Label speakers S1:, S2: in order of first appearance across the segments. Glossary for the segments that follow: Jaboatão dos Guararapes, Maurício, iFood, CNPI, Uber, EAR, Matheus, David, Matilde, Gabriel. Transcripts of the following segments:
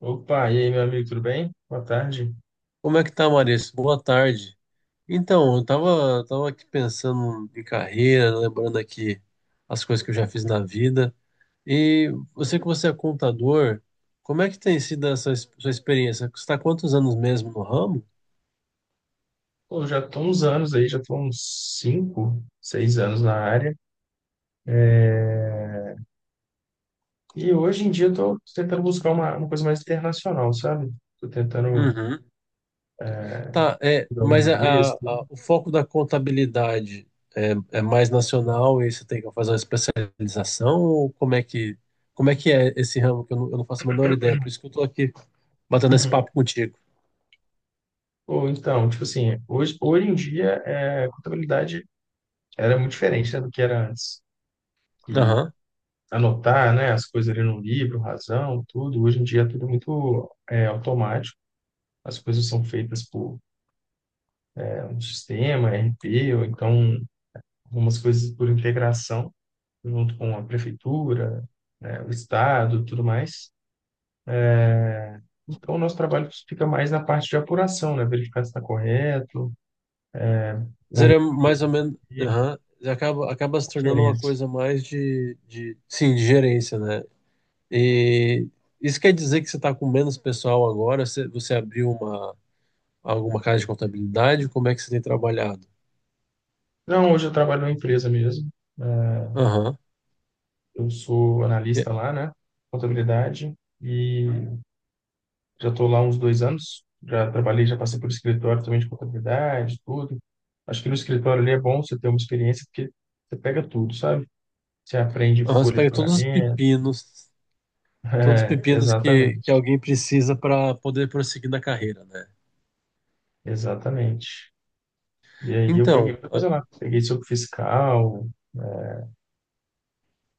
S1: Opa, e aí, meu amigo, tudo bem? Boa tarde.
S2: Como é que tá, Maurício? Boa tarde. Então, eu tava aqui pensando em carreira, lembrando aqui as coisas que eu já fiz na vida. E você que você é contador, como é que tem sido sua experiência? Você está quantos anos mesmo no ramo?
S1: Pô, eu já tô uns anos aí, já tô uns cinco, seis anos na área. E hoje em dia eu tô tentando buscar uma coisa mais internacional, sabe? Tô tentando
S2: Uhum. Tá, é,
S1: estudar o
S2: mas a, a-
S1: inglês,
S2: a-
S1: tudo.
S2: o foco da contabilidade é mais nacional e você tem que fazer uma especialização? Ou como é que é esse ramo que eu não faço a menor ideia? Por isso que eu tô aqui batendo esse papo contigo.
S1: Ou então, tipo assim, hoje em dia a contabilidade era muito diferente, né, do que era antes. E anotar, né, as coisas ali no livro, razão, tudo. Hoje em dia é tudo muito automático. As coisas são feitas por um sistema, RP, ou então algumas coisas por integração, junto com a prefeitura, né, o estado, tudo mais. Então, o nosso trabalho fica mais na parte de apuração, né? Verificar se está correto,
S2: Mas
S1: uma
S2: seria
S1: melhoria
S2: mais ou menos,
S1: e
S2: aham, acaba se tornando uma
S1: conferência.
S2: coisa mais sim, de gerência, né? E isso quer dizer que você está com menos pessoal agora? Você abriu uma, alguma casa de contabilidade? Como é que você tem trabalhado?
S1: Não, hoje eu trabalho numa empresa mesmo. é,
S2: Aham.
S1: Eu sou
S2: E-
S1: analista lá, né? Contabilidade. E já estou lá há uns 2 anos. Já trabalhei, já passei por escritório também de contabilidade, tudo. Acho que no escritório ali é bom você ter uma experiência, porque você pega tudo, sabe? Você aprende
S2: aham, você
S1: folha de
S2: pega
S1: pagamento.
S2: todos os
S1: É,
S2: pepinos que
S1: exatamente,
S2: alguém precisa para poder prosseguir na carreira, né?
S1: exatamente. E aí eu peguei
S2: Então,
S1: muita coisa lá. Peguei sobre fiscal,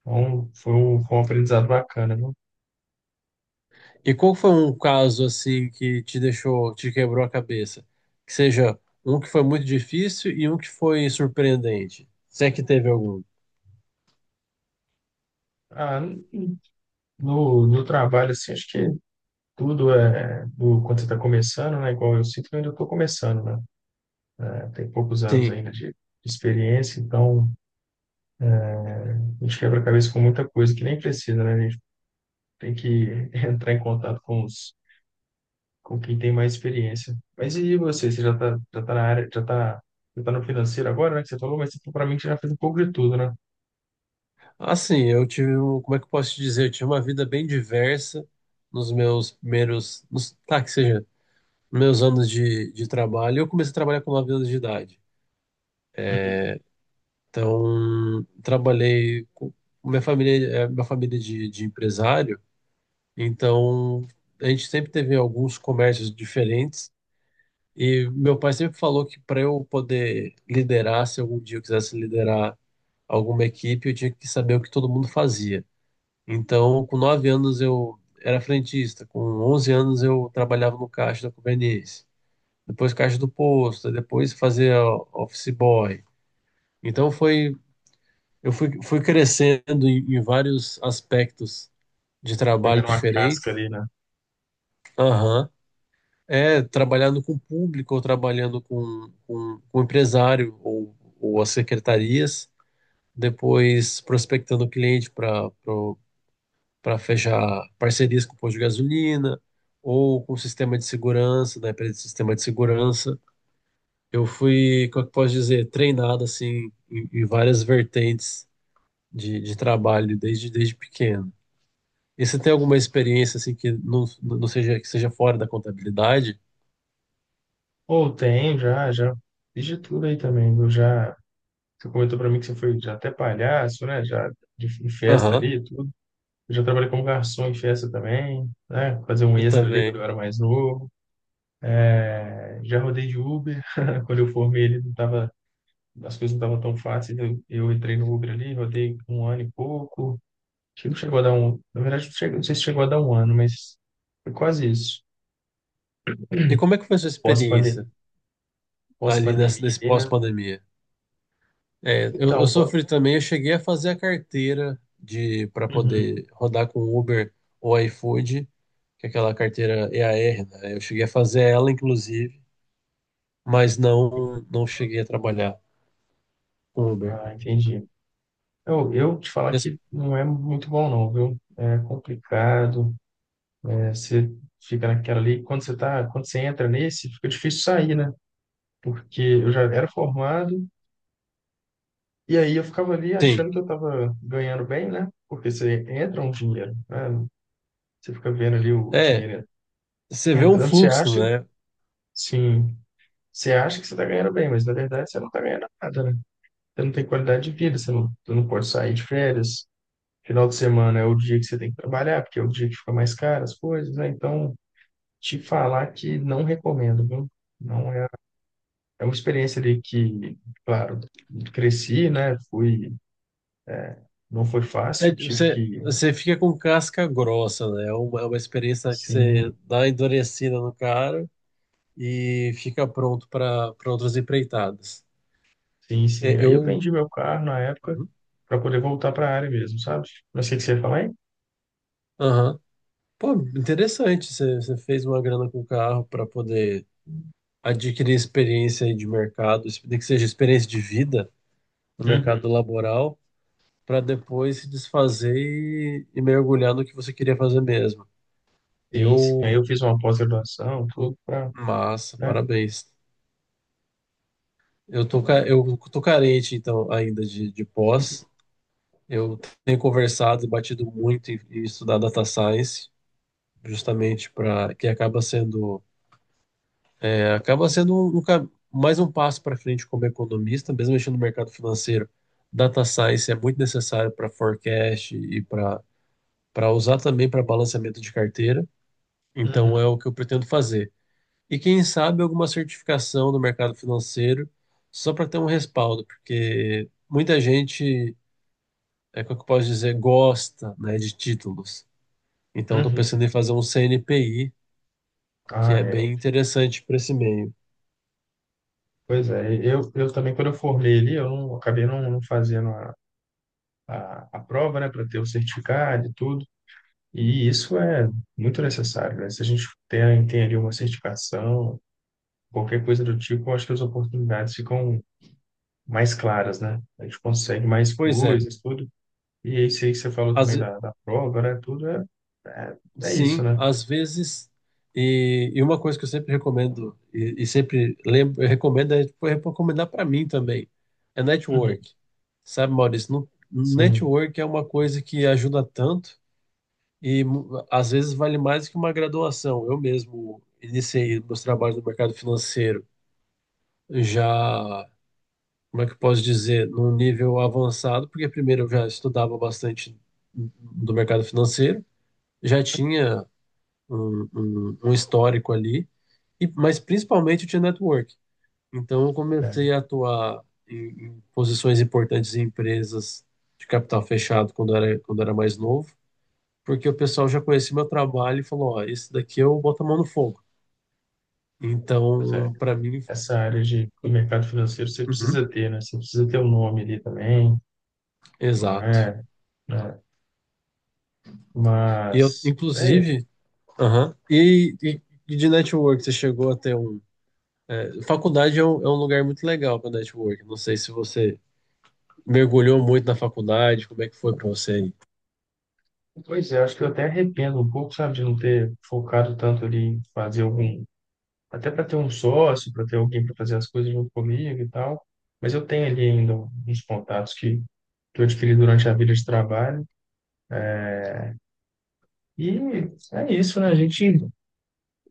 S1: então foi um aprendizado bacana, viu?
S2: e qual foi um caso assim que te deixou, te quebrou a cabeça? Que seja um que foi muito difícil e um que foi surpreendente. Se é que teve algum.
S1: Ah, no trabalho, assim, acho que tudo é do, quando você está começando, né? Igual eu sinto que eu ainda estou começando, né? É, tem poucos anos
S2: Sim.
S1: ainda de experiência, então a gente quebra a cabeça com muita coisa que nem precisa, né? A gente tem que entrar em contato com os com quem tem mais experiência. Mas e você? Você já tá na área, já tá no financeiro agora, né? Que você falou, mas você provavelmente já fez um pouco de tudo, né?
S2: Assim, eu tive, um, como é que eu posso te dizer? Eu tive uma vida bem diversa nos meus primeiros, nos, tá, que seja, meus anos de trabalho. Eu comecei a trabalhar com 9 anos de idade.
S1: Uhum.
S2: Então, trabalhei com minha família, é uma família de empresário. Então, a gente sempre teve alguns comércios diferentes. E meu pai sempre falou que para eu poder liderar, se algum dia eu quisesse liderar alguma equipe, eu tinha que saber o que todo mundo fazia. Então, com nove anos eu era frentista, com 11 anos eu trabalhava no caixa da conveniência, depois caixa do posto, depois fazia office boy. Então foi, eu fui, fui crescendo em vários aspectos de trabalho
S1: Pegando uma casca
S2: diferentes.
S1: ali, né?
S2: Aham. É, trabalhando com o público ou trabalhando com o empresário ou as secretarias, depois prospectando o cliente para fechar parcerias com o posto de gasolina ou com o sistema de segurança, da empresa de sistema de segurança. Eu fui, como é que eu posso dizer, treinado assim em várias vertentes de trabalho desde pequeno. E você tem alguma experiência assim que não seja, que seja fora da contabilidade?
S1: Ou tem, já fiz de tudo aí também. Você comentou pra mim que você foi já até palhaço, né? Já de, em festa
S2: Aham,
S1: ali, e tudo. Eu já trabalhei como garçom em festa também, né? Fazer um
S2: eu
S1: extra ali quando eu
S2: também.
S1: era mais novo. Já rodei de Uber. Quando eu formei ele, não tava, as coisas não estavam tão fáceis. Eu entrei no Uber ali, rodei um ano e pouco. Acho que não chegou a dar um. Na verdade, não sei se chegou a dar um ano, mas foi quase isso.
S2: E como é que foi a sua experiência
S1: Pós-pandemia,
S2: ali
S1: pós-pandemia,
S2: nesse
S1: ali, né?
S2: pós-pandemia? É, eu
S1: Então, pô.
S2: sofri também, eu cheguei a fazer a carteira de para
S1: Uhum.
S2: poder rodar com Uber ou iFood, que é aquela carteira E EAR, né? Eu cheguei a fazer ela, inclusive, mas não cheguei a trabalhar com Uber.
S1: Ah, entendi. Eu te falar
S2: E as-
S1: que não é muito bom, não, viu? É complicado. Você fica naquela ali. Quando você entra nesse, fica difícil sair, né? Porque eu já era formado, e aí eu ficava ali
S2: Sim,
S1: achando que eu estava ganhando bem, né? Porque você entra um dinheiro, né? Você fica vendo ali o
S2: é,
S1: dinheiro
S2: você vê um
S1: entrando, você
S2: fluxo,
S1: acha,
S2: né?
S1: sim. Você acha que você está ganhando bem, mas na verdade você não está ganhando nada, né? Você não tem qualidade de vida, você não pode sair de férias. Final de semana é o dia que você tem que trabalhar, porque é o dia que fica mais caro as coisas, né? Então, te falar que não recomendo, viu? Não é, é uma experiência ali que, claro, cresci, né? Fui, não foi fácil,
S2: Você fica com casca grossa, né? É uma experiência que você
S1: sim,
S2: dá uma endurecida no cara, e fica pronto para outras empreitadas.
S1: sim,
S2: É,
S1: sim. Aí eu
S2: eu.
S1: vendi meu carro na época
S2: Uhum.
S1: para poder voltar para a área mesmo, sabe? Mas o que que você ia falar aí?
S2: Aham. Pô, interessante. Você fez uma grana com o carro para poder adquirir experiência aí de mercado, nem que seja experiência de vida no
S1: Uhum.
S2: mercado laboral, para depois se desfazer e mergulhar no que você queria fazer mesmo.
S1: Sim, sim. Aí
S2: Eu.
S1: eu fiz uma pós-graduação, tudo para
S2: Massa, parabéns. Eu tô, eu tô carente, então, ainda de pós. Eu tenho conversado e batido muito em estudar data science, justamente para que acaba sendo é, acaba sendo mais um passo para frente como economista, mesmo mexendo no mercado financeiro. Data science é muito necessário para forecast e para usar também para balanceamento de carteira. Então
S1: Uhum,
S2: é o que eu pretendo fazer. E quem sabe alguma certificação no mercado financeiro só para ter um respaldo, porque muita gente, é como é que eu posso dizer, gosta, né, de títulos. Então estou
S1: uhum.
S2: pensando em fazer um CNPI, que
S1: Ah,
S2: é
S1: é.
S2: bem interessante para esse meio.
S1: Pois é, eu também, quando eu formei ali, eu não, acabei não fazendo a prova, né, para ter o certificado e tudo. E isso é muito necessário, né? Se a gente tem, tem ali uma certificação, qualquer coisa do tipo, eu acho que as oportunidades ficam mais claras, né? A gente consegue mais
S2: Pois é,
S1: coisas, tudo. E isso aí que você falou
S2: às,
S1: também
S2: ve-
S1: da prova, né? Tudo é, é, é isso,
S2: sim,
S1: né?
S2: às vezes, e uma coisa que eu sempre recomendo, e sempre lembro, eu recomendo, é, foi recomendar para mim também, é
S1: Uhum.
S2: network. Sabe, Maurício, no,
S1: Sim.
S2: network é uma coisa que ajuda tanto às vezes vale mais que uma graduação. Eu mesmo iniciei meus trabalhos no mercado financeiro já, como é que eu posso dizer, num nível avançado, porque primeiro eu já estudava bastante do mercado financeiro, já tinha um histórico ali, e, mas principalmente eu tinha network. Então eu comecei a atuar em posições importantes em empresas de capital fechado quando era mais novo, porque o pessoal já conhecia meu trabalho e falou, ó, esse daqui eu boto a mão no fogo.
S1: É.
S2: Então, para mim,
S1: Essa área do mercado financeiro você
S2: uhum,
S1: precisa ter, né? Você precisa ter um nome ali também, não
S2: exato.
S1: é? Né?
S2: E eu,
S1: Mas, é,
S2: inclusive, aham, e de network, você chegou até um. É, faculdade é um lugar muito legal para network. Não sei se você mergulhou muito na faculdade? Como é que foi pra você aí?
S1: pois é, acho que eu até arrependo um pouco, sabe, de não ter focado tanto ali em fazer algum, até para ter um sócio, para ter alguém para fazer as coisas junto comigo e tal. Mas eu tenho ali ainda uns contatos que eu adquiri durante a vida de trabalho. E é isso, né? A gente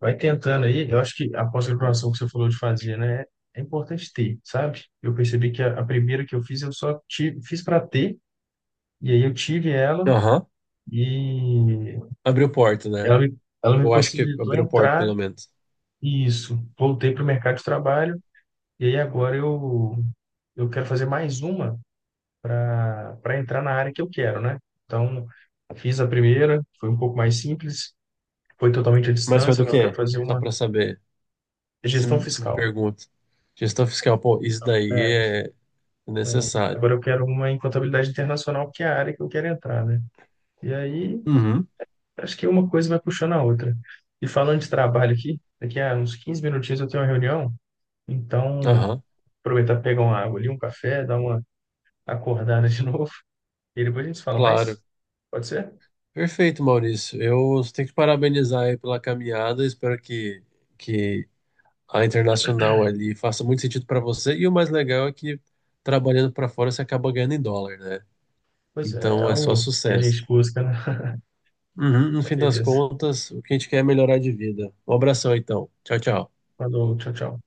S1: vai tentando aí. Eu acho que a pós-graduação que você falou de fazer, né? É importante ter, sabe? Eu percebi que a primeira que eu fiz, eu só tive, fiz para ter, e aí eu tive ela,
S2: Aham.
S1: e
S2: Abriu porta, né?
S1: ela me, ela me
S2: Eu acho que
S1: possibilitou
S2: abriu porta,
S1: entrar,
S2: pelo menos.
S1: e isso. Voltei para o mercado de trabalho, e aí eu quero fazer mais uma para para entrar na área que eu quero, né? Então, fiz a primeira, foi um pouco mais simples, foi totalmente à
S2: Mas foi
S1: distância,
S2: do
S1: agora eu quero
S2: quê?
S1: fazer
S2: Só
S1: uma
S2: pra saber.
S1: de gestão
S2: Se me
S1: fiscal.
S2: pergunta. Gestão fiscal, pô, isso daí
S1: É,
S2: é
S1: é,
S2: necessário.
S1: agora eu quero uma em contabilidade internacional, que é a área que eu quero entrar, né? E aí,
S2: Uhum.
S1: acho que uma coisa vai puxando a outra. E falando de trabalho aqui, daqui a uns 15 minutinhos eu tenho uma reunião, então
S2: Aham,
S1: aproveitar pra pegar uma água ali, um café, dar uma acordada de novo, e depois a gente se fala
S2: claro.
S1: mais. Pode ser?
S2: Perfeito, Maurício. Eu tenho que parabenizar aí pela caminhada. Espero que a internacional ali faça muito sentido para você. E o mais legal é que trabalhando para fora você acaba ganhando em dólar, né?
S1: Pois é, é
S2: Então é só
S1: algo que a
S2: sucesso.
S1: gente busca, né?
S2: Uhum, no
S1: Então,
S2: fim das
S1: beleza.
S2: contas, o que a gente quer é melhorar de vida. Um abração, então. Tchau, tchau.
S1: Falou, tchau, tchau.